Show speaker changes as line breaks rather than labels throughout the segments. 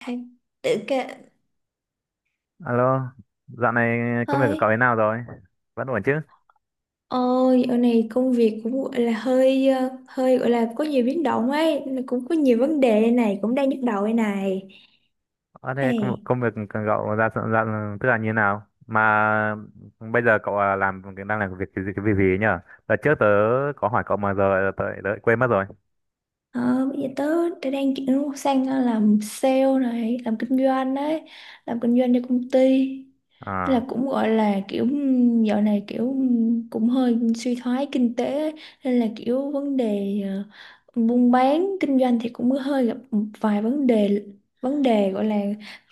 Hay tự kệ
Alo, dạo này công việc của cậu
hơi
thế nào rồi? Vẫn ổn chứ?
ôi ở này công việc cũng gọi là hơi hơi gọi là có nhiều biến động ấy nên là cũng có nhiều vấn đề đây này cũng đang nhức đầu đây này
Ờ thế công,
này
công việc của cậu ra dạo, tức là như thế nào? Mà bây giờ làm đang làm việc cái gì cái việc gì ấy nhở? Đợt trước tớ có hỏi cậu mà giờ tớ lại quên mất rồi.
ờ, bây giờ tớ đang chuyển sang làm sale này làm kinh doanh đấy, làm kinh doanh cho công ty. Thế
À,
là cũng gọi là kiểu dạo này kiểu cũng hơi suy thoái kinh tế ấy. Nên là kiểu vấn đề buôn bán kinh doanh thì cũng hơi gặp một vài vấn đề, vấn đề gọi là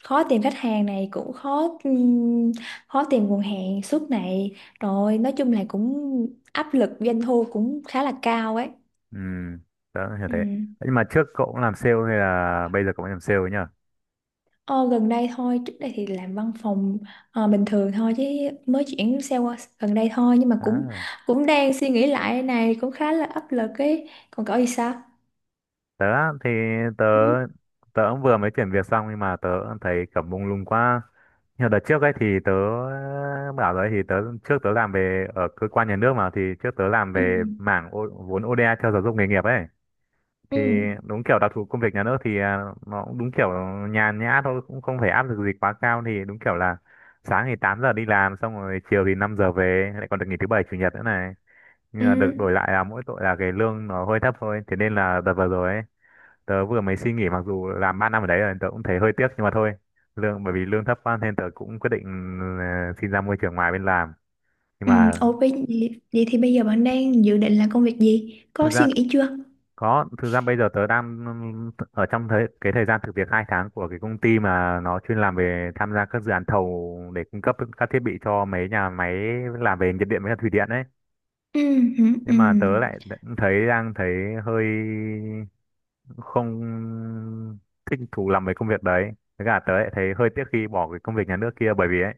khó tìm khách hàng này cũng khó khó tìm nguồn hàng suốt này, rồi nói chung là cũng áp lực doanh thu cũng khá là cao ấy.
ừ, tớ hiểu
Ừ.
thế. Nhưng mà trước cậu cũng làm sale hay là bây giờ cậu mới làm sale ấy nhở?
Ờ, gần đây thôi, trước đây thì làm văn phòng bình thường thôi chứ mới chuyển xe qua gần đây thôi nhưng mà cũng
À.
cũng đang suy nghĩ lại này cũng khá là áp lực ấy. Còn cậu thì sao?
Tớ á, thì tớ
Ừ.
tớ cũng vừa mới chuyển việc xong nhưng mà tớ cũng thấy kiểu mông lung quá. Nhưng đợt trước ấy thì tớ bảo rồi ấy, thì tớ trước tớ làm về ở cơ quan nhà nước mà thì trước tớ làm
Ừ.
về mảng vốn ODA cho giáo dục nghề nghiệp ấy.
Ừ.
Thì đúng kiểu đặc thù công việc nhà nước thì nó cũng đúng kiểu nhàn nhã thôi cũng không phải áp lực gì quá cao thì đúng kiểu là sáng thì 8 giờ đi làm xong rồi chiều thì 5 giờ về, lại còn được nghỉ thứ bảy chủ nhật nữa này. Nhưng
Ừ.
mà được đổi lại là mỗi tội là cái lương nó hơi thấp thôi. Thế nên là đợt vừa rồi ấy tớ vừa mới suy nghĩ, mặc dù làm 3 năm ở đấy rồi tớ cũng thấy hơi tiếc nhưng mà thôi, lương bởi vì lương thấp quá nên tớ cũng quyết định xin ra môi trường ngoài bên làm, nhưng
Ừ.
mà
Ok, vậy, vậy thì bây giờ bạn đang dự định làm công việc gì?
thực
Có suy
ra
nghĩ chưa?
bây giờ tớ đang ở trong cái thời gian thực việc 2 tháng của cái công ty mà nó chuyên làm về tham gia các dự án thầu để cung cấp các thiết bị cho mấy nhà máy làm về nhiệt điện với cả thủy điện ấy.
Ừ. Ừ. Ừ.
Nhưng mà tớ lại thấy đang thấy hơi không thích thú làm về công việc đấy, với cả tớ lại thấy hơi tiếc khi bỏ cái công việc nhà nước kia bởi vì ấy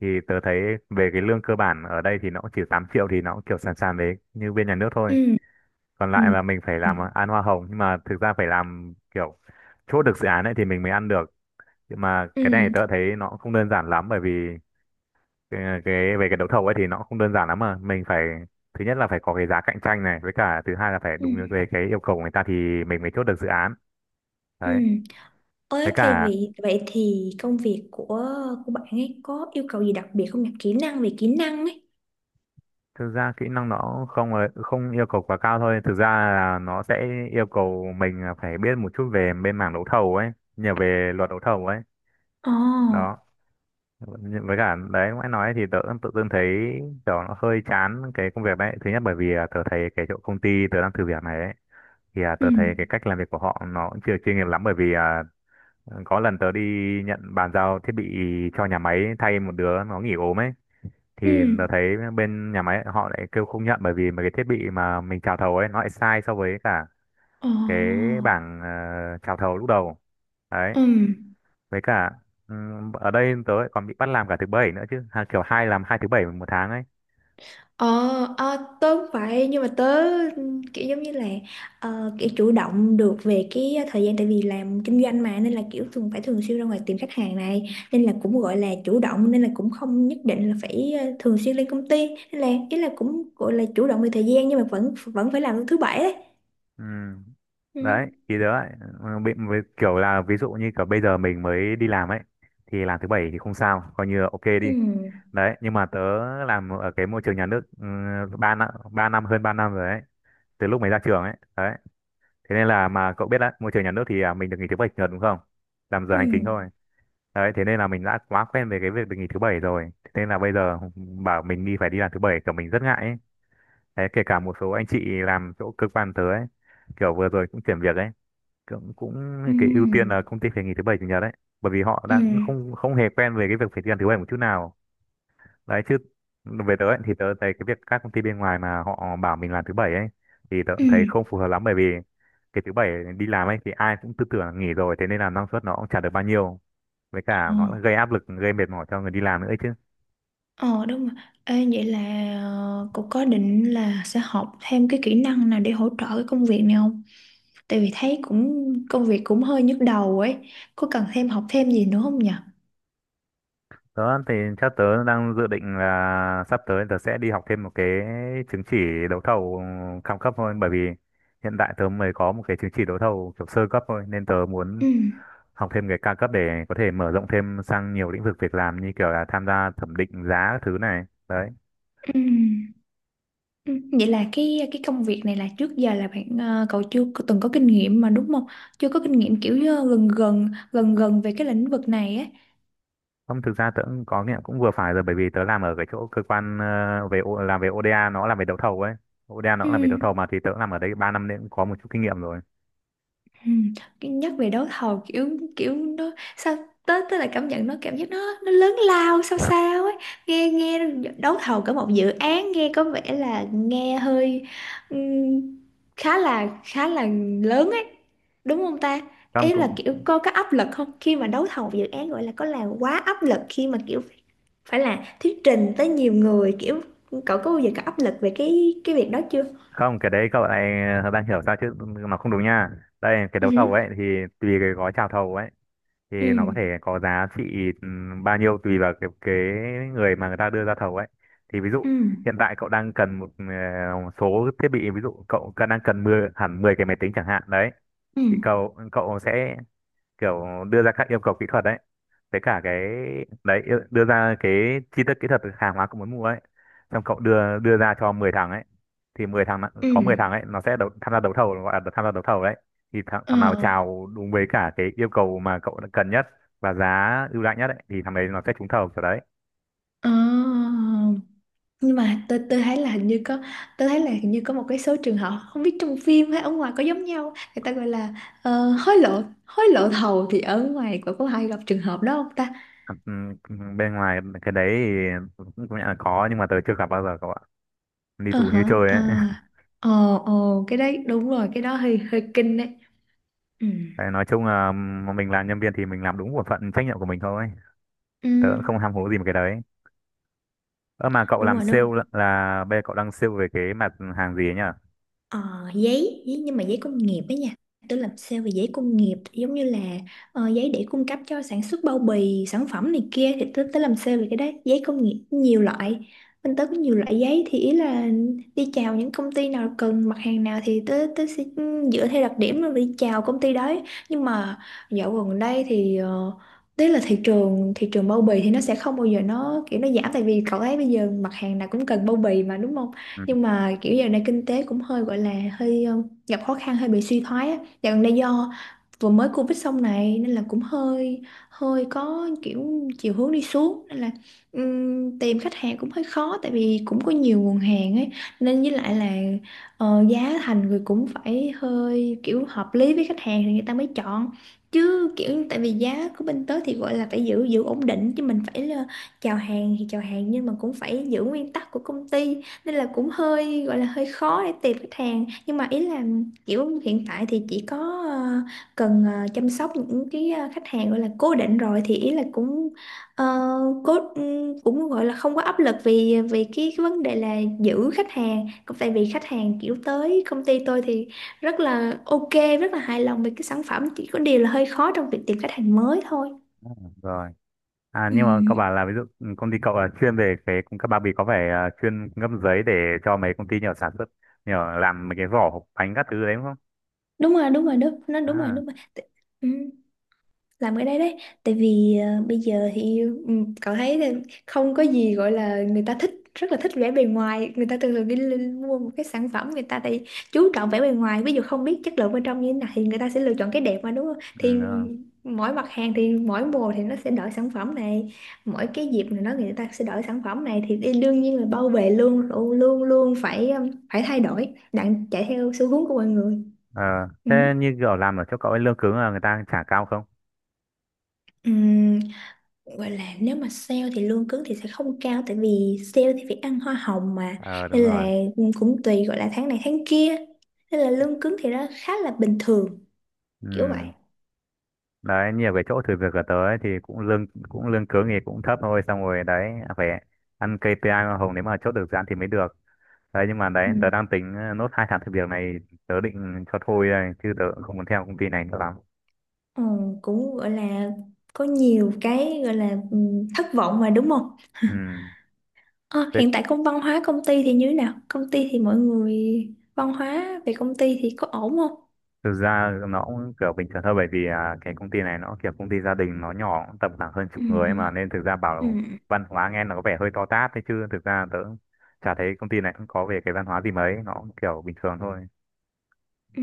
thì tớ thấy về cái lương cơ bản ở đây thì nó cũng chỉ 8 triệu, thì nó cũng kiểu sàn sàn đấy như bên nhà nước thôi.
Ừ.
Còn lại
Ừ.
là mình phải
Ừ.
làm ăn hoa hồng nhưng mà thực ra phải làm kiểu chốt được dự án ấy thì mình mới ăn được. Nhưng mà cái này
Ừ.
tớ thấy nó cũng không đơn giản lắm bởi vì cái về cái đấu thầu ấy thì nó cũng không đơn giản lắm, mà mình phải thứ nhất là phải có cái giá cạnh tranh này, với cả thứ hai là phải
Ừ.
đúng về cái yêu cầu của người ta thì mình mới chốt được dự án
Ừ.
đấy.
Ôi,
Với
thế
cả
vì vậy thì công việc của bạn ấy có yêu cầu gì đặc biệt không nhỉ? Kỹ năng, về kỹ năng ấy.
thực ra kỹ năng nó không yêu cầu quá cao thôi. Thực ra là nó sẽ yêu cầu mình là phải biết một chút về bên mảng đấu thầu ấy, nhiều về luật đấu thầu ấy.
Ồ,
Đó. Nhưng với cả đấy ngoại nói thì tớ tự dưng thấy kiểu nó hơi chán cái công việc đấy. Thứ nhất bởi vì tớ thấy cái chỗ công ty tớ đang thử việc này ấy thì
ừ,
tớ thấy cái cách làm việc của họ nó cũng chưa chuyên nghiệp lắm, bởi vì có lần tớ đi nhận bàn giao thiết bị cho nhà máy thay một đứa nó nghỉ ốm ấy thì
ừ,
tớ thấy bên nhà máy họ lại kêu không nhận bởi vì mà cái thiết bị mà mình chào thầu ấy nó lại sai so với cả
ồ,
cái bảng chào thầu lúc đầu đấy.
ừ,
Với cả ở đây tớ lại còn bị bắt làm cả thứ bảy nữa chứ, kiểu hai làm 2 thứ bảy một tháng ấy.
ờ, à, tớ cũng vậy nhưng mà tớ kiểu giống như là kiểu chủ động được về cái thời gian tại vì làm kinh doanh mà nên là kiểu thường phải thường xuyên ra ngoài tìm khách hàng này, nên là cũng gọi là chủ động nên là cũng không nhất định là phải thường xuyên lên công ty nên là ý là cũng gọi là chủ động về thời gian nhưng mà vẫn vẫn phải làm thứ bảy đấy.
Ừm.
Ừ,
Đấy thì tớ lại ừ, bị với kiểu là ví dụ như kiểu bây giờ mình mới đi làm ấy thì làm thứ bảy thì không sao, coi như là ok đi
ừ,
đấy, nhưng mà tớ làm ở cái môi trường nhà nước ừ, ba năm hơn 3 năm rồi ấy, từ lúc mới ra trường ấy đấy. Thế nên là mà cậu biết đấy, môi trường nhà nước thì mình được nghỉ thứ bảy chủ nhật đúng không, làm giờ
ừ,
hành chính thôi đấy. Thế nên là mình đã quá quen về cái việc được nghỉ thứ bảy rồi, thế nên là bây giờ bảo mình đi phải đi làm thứ bảy kiểu mình rất ngại ấy. Đấy, kể cả một số anh chị làm chỗ cơ quan tớ ấy kiểu vừa rồi cũng chuyển việc ấy, cũng cũng cái ưu tiên
ừ,
là công ty phải nghỉ thứ bảy chủ nhật đấy, bởi vì họ
ừ,
đang không không hề quen về cái việc phải đi làm thứ bảy một chút nào đấy chứ. Về tớ ấy, thì tớ thấy cái việc các công ty bên ngoài mà họ bảo mình làm thứ bảy ấy thì tớ
ừ,
cũng thấy không phù hợp lắm, bởi vì cái thứ bảy đi làm ấy thì ai cũng tư tưởng là nghỉ rồi, thế nên là năng suất nó cũng chả được bao nhiêu, với cả nó
ồ.
gây áp lực gây mệt mỏi cho người đi làm nữa ấy chứ.
Ờ đúng rồi. Ê, vậy là cô có định là sẽ học thêm cái kỹ năng nào để hỗ trợ cái công việc này không? Tại vì thấy cũng công việc cũng hơi nhức đầu ấy. Có cần thêm, học thêm gì nữa không nhỉ?
Đó thì theo tớ đang dự định là sắp tới tớ sẽ đi học thêm một cái chứng chỉ đấu thầu cao cấp thôi, bởi vì hiện tại tớ mới có một cái chứng chỉ đấu thầu kiểu sơ cấp thôi nên tớ muốn
Ừ.
học thêm cái cao cấp để có thể mở rộng thêm sang nhiều lĩnh vực việc làm như kiểu là tham gia thẩm định giá các thứ này. Đấy.
Ừ. Ừ. Vậy là cái công việc này là trước giờ là bạn cậu chưa có- từng có kinh nghiệm mà đúng không? Chưa có kinh nghiệm kiểu gần gần gần gần về cái lĩnh vực này ấy.
Không, thực ra tớ cũng có nghiệm cũng vừa phải rồi, bởi vì tớ làm ở cái chỗ cơ quan làm về ODA, nó làm về đấu thầu ấy. ODA nó
Ừ.
cũng làm về đấu thầu mà, thì tớ làm ở đấy 3 năm nên cũng có một chút kinh nghiệm rồi.
Ừ. Cái- Nhắc về đấu thầu kiểu kiểu nó sao tới tới là cảm nhận nó, cảm giác nó lớn lao sao sao ấy, nghe nghe đấu thầu cả một dự án nghe có vẻ là nghe hơi ừm, khá là lớn ấy, đúng không ta?
Không,
Ý là
cũng
kiểu có áp lực không khi mà đấu thầu dự án, gọi là có là quá áp lực khi mà kiểu phải là thuyết trình tới nhiều người, kiểu cậu có bao giờ có áp lực về cái việc đó chưa?
không cái đấy cậu lại đang hiểu sao chứ, nó không đúng nha. Đây cái đấu thầu
Ừ,
ấy thì tùy cái gói chào thầu ấy thì nó có thể
ừ,
có giá trị bao nhiêu tùy vào cái người mà người ta đưa ra thầu ấy. Thì ví
ừ,
dụ hiện tại cậu đang cần một số thiết bị, ví dụ đang cần 10 hẳn 10 cái máy tính chẳng hạn đấy, thì
ừ,
cậu cậu sẽ kiểu đưa ra các yêu cầu kỹ thuật đấy, với cả cái đấy đưa ra cái chi tiết kỹ thuật hàng hóa cậu muốn mua ấy, xong cậu đưa đưa ra cho 10 thằng ấy. Thì
ừ,
có 10 thằng ấy nó sẽ tham gia đấu thầu, gọi là tham gia đấu thầu đấy. Thì thằng,
ờ.
thằng nào chào đúng với cả cái yêu cầu mà cậu đã cần nhất và giá ưu đãi nhất ấy, thì thằng đấy nó sẽ trúng thầu kiểu đấy.
Ờ, nhưng mà tôi thấy là hình như có, tôi thấy là hình như có một cái số trường hợp không biết trong phim hay ở ngoài có giống nhau, người ta gọi là hối lộ, hối lộ thầu, thì ở ngoài có hay gặp trường hợp đó không ta?
Ừm, Bên ngoài cái đấy thì cũng công nhận là có nhưng mà tớ chưa gặp bao giờ cậu ạ, đi
Ờ
tù như
hả
chơi
ờ,
ấy
ờ ờ, cái đấy đúng rồi, cái đó hơi hơi kinh đấy. Ừ.
Đấy, nói chung là mình làm nhân viên thì mình làm đúng bổn phận trách nhiệm của mình thôi,
Ừ,
tớ cũng không ham hố gì một cái đấy. Ơ mà cậu
đúng
làm
rồi
sale
đúng.
là bây giờ cậu đang sale về cái mặt hàng gì ấy nhỉ?
Ờ, giấy, giấy nhưng mà giấy công nghiệp ấy nha. Tôi làm sale về giấy công nghiệp, giống như là giấy để cung cấp cho sản xuất bao bì sản phẩm này kia, thì tôi tới làm sale về cái đấy, giấy công nghiệp nhiều loại, bên tớ có nhiều loại giấy thì ý là đi chào những công ty nào cần mặt hàng nào thì tớ tớ sẽ dựa theo đặc điểm rồi đi chào công ty đấy. Nhưng mà dạo gần đây thì ờ, tức là thị trường, thị trường bao bì thì nó sẽ không bao giờ nó kiểu nó giảm, tại vì cậu thấy bây giờ mặt hàng nào cũng cần bao bì mà đúng không?
Ừ.
Nhưng mà kiểu giờ này kinh tế cũng hơi gọi là hơi gặp khó khăn, hơi bị suy thoái á dạo gần đây, do vừa mới Covid xong này nên là cũng hơi hơi có kiểu chiều hướng đi xuống, nên là tìm khách hàng cũng hơi khó tại vì cũng có nhiều nguồn hàng ấy, nên với lại là giá thành người cũng phải hơi kiểu hợp lý với khách hàng thì người ta mới chọn, chứ kiểu tại vì giá của bên tớ thì gọi là phải giữ giữ ổn định chứ mình phải là chào hàng thì chào hàng nhưng mà cũng phải giữ nguyên tắc của công ty, nên là cũng hơi gọi là hơi khó để tìm khách hàng, nhưng mà ý là kiểu hiện tại thì chỉ có ờ, cần chăm sóc những cái khách hàng gọi là cố định rồi thì ý là cũng ờ, cố cũng gọi là không có áp lực vì vì cái vấn đề là giữ khách hàng, cũng tại vì khách hàng kiểu tới công ty tôi thì rất là ok, rất là hài lòng về cái sản phẩm, chỉ có điều là hơi khó trong việc tìm khách hàng mới thôi.
Rồi, à nhưng mà cậu
Ừm,
bảo là ví dụ công ty cậu là chuyên về cái cung cấp bao bì, có phải chuyên cung cấp giấy để cho mấy công ty nhỏ sản xuất nhỏ làm mấy cái vỏ hộp bánh các thứ đấy đúng không?
đúng rồi, đúng rồi đúng, nó đúng rồi
À,
đúng rồi, Tự- ừm, làm cái đấy đấy. Tại vì bây giờ thì ừ, cậu thấy là không có gì gọi là, người ta thích, rất là thích vẻ bề ngoài, người ta thường thường đi lên mua một cái sản phẩm người ta thì chú trọng vẻ bề ngoài, ví dụ không biết chất lượng bên trong như thế nào thì người ta sẽ lựa chọn cái đẹp mà đúng không,
ừ,
thì
đúng rồi.
mỗi mặt hàng thì mỗi mùa thì nó sẽ đổi sản phẩm này, mỗi cái dịp này nó người ta sẽ đổi sản phẩm này thì đi- đương nhiên là bao bì luôn luôn luôn luôn phải phải thay đổi đặng chạy theo xu hướng của mọi người.
Ờ,
Ừ.
thế như kiểu làm ở chỗ cậu ấy lương cứng là người ta trả cao không?
Ừ, gọi là nếu mà sale thì lương cứng thì sẽ không cao, tại vì sale thì phải ăn hoa hồng mà,
Ờ đúng
nên là
rồi,
cũng tùy gọi là tháng này tháng kia, nên là lương cứng thì nó khá là bình thường, kiểu vậy.
ừ, đấy nhiều cái chỗ thử việc ở tới thì cũng lương cứng thì cũng thấp thôi, xong rồi đấy phải ăn KPI hoa hồng nếu mà chốt được dự án thì mới được. Đấy nhưng mà đấy tớ
Ừ.
đang tính nốt 2 tháng thử việc này tớ định cho thôi đây chứ tớ cũng không muốn theo công ty này nữa lắm.
Ờ, cũng gọi là có nhiều cái gọi là thất vọng mà đúng không.
Ừ.
Ờ,
Thế
hiện tại công, văn hóa công ty thì như thế nào, công ty thì mọi người, văn hóa về công ty thì có ổn không?
thực ra nó cũng kiểu bình thường thôi bởi vì cái công ty này nó kiểu công ty gia đình, nó nhỏ cũng tầm khoảng hơn chục
Ừ.
người ấy mà, nên thực ra bảo
Ừ.
văn hóa nghe nó có vẻ hơi to tát thế chứ thực ra tớ chả thấy công ty này cũng có về cái văn hóa gì mấy, nó cũng kiểu bình thường thôi.
Ừ.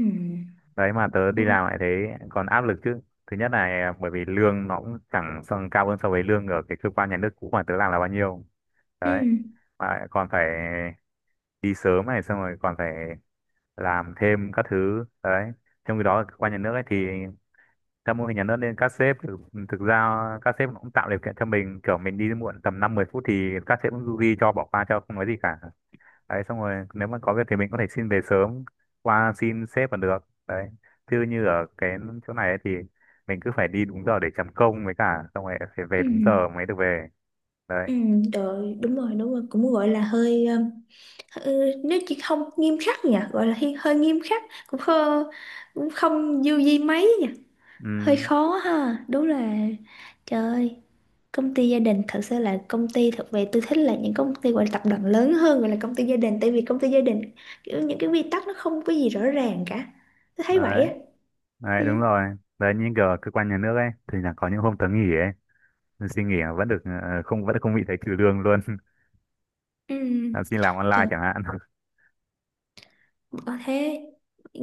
Đấy mà tớ đi
Ừ.
làm lại thế còn áp lực chứ. Thứ nhất là bởi vì lương nó cũng chẳng xong cao hơn so với lương ở cái cơ quan nhà nước cũ mà tớ làm là bao nhiêu
Ừ.
đấy, mà lại còn phải đi sớm này, xong rồi còn phải làm thêm các thứ đấy, trong khi đó ở cơ quan nhà nước ấy thì theo mô hình nhà nước nên thực ra các sếp cũng tạo điều kiện cho mình kiểu mình đi muộn tầm năm mười phút thì các sếp cũng du di cho bỏ qua cho không nói gì cả. Đấy xong rồi nếu mà có việc thì mình có thể xin về sớm, qua xin sếp còn được đấy, chứ như ở cái chỗ này ấy thì mình cứ phải đi đúng giờ để chấm công, với cả xong rồi phải về
Ừ.
đúng giờ mới được về đấy.
Ừ, rồi đúng rồi đúng rồi, cũng gọi là hơi ừ, nếu chỉ không nghiêm khắc nhỉ, gọi là hi- hơi nghiêm khắc, cũng không, cũng không du di mấy nhỉ, hơi
Ừ,
khó ha đúng là. Trời ơi, công ty gia đình thật sự là công ty, thật về tôi thích là những công ty gọi là tập đoàn lớn hơn gọi là công ty gia đình, tại vì công ty gia đình kiểu những cái quy tắc nó không có gì rõ ràng cả, tôi thấy vậy
đấy
á.
đấy
Ừ.
đúng rồi đấy như kiểu ở cơ quan nhà nước ấy thì là có những hôm tớ nghỉ ấy, nhưng xin nghỉ mà vẫn được ờ, không vẫn không bị thấy trừ lương luôn
Ừ.
là xin làm online
Trời,
chẳng hạn
có thế ừ,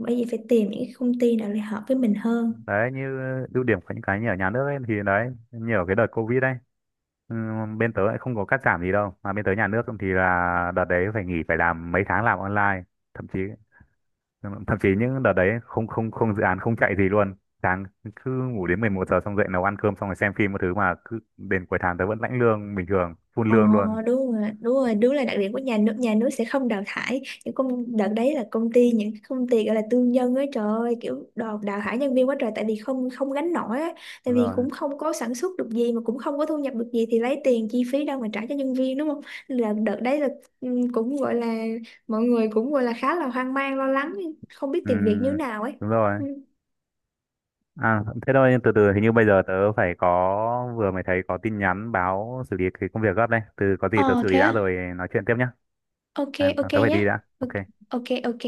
bởi vì phải tìm những cái công ty nào để hợp với mình hơn.
đấy như ưu điểm của những cái như ở nhà nước ấy thì đấy như ở cái đợt covid ấy. Ừ, bên tớ lại không có cắt giảm gì đâu mà, bên tớ nhà nước thì là đợt đấy phải nghỉ phải làm mấy tháng làm online, thậm chí thậm chí những đợt đấy không không không dự án không chạy gì luôn, sáng cứ ngủ đến 11 giờ xong dậy nấu ăn cơm xong rồi xem phim một thứ mà cứ đến cuối tháng tớ vẫn lãnh lương bình thường, full
Ờ
lương luôn.
đúng rồi, đúng rồi, đúng là đặc điểm của nhà nước, nhà nước sẽ không đào thải những công, đợt đấy là công ty, những công ty gọi là tư nhân ấy, trời ơi kiểu đào đào thải nhân viên quá trời, tại vì không, không gánh nổi á, tại
Đúng
vì
rồi,
cũng không có sản xuất được gì mà cũng không có thu nhập được gì thì lấy tiền chi phí đâu mà trả cho nhân viên đúng không. Nên là đợt đấy là ừ, cũng gọi là mọi người cũng gọi là khá là hoang mang lo lắng, không biết
ừ,
tìm việc như nào ấy.
đúng rồi.
Ừ.
À thế thôi, nhưng từ từ hình như bây giờ tớ phải có vừa mới thấy có tin nhắn báo xử lý cái công việc gấp đây, từ có gì tớ
Ờ
xử lý
thế
đã
á?
rồi nói chuyện tiếp nhá.
Ok,
À,
ok
tớ phải
nhé.
đi đã,
Ok,
ok.
ok. Ok.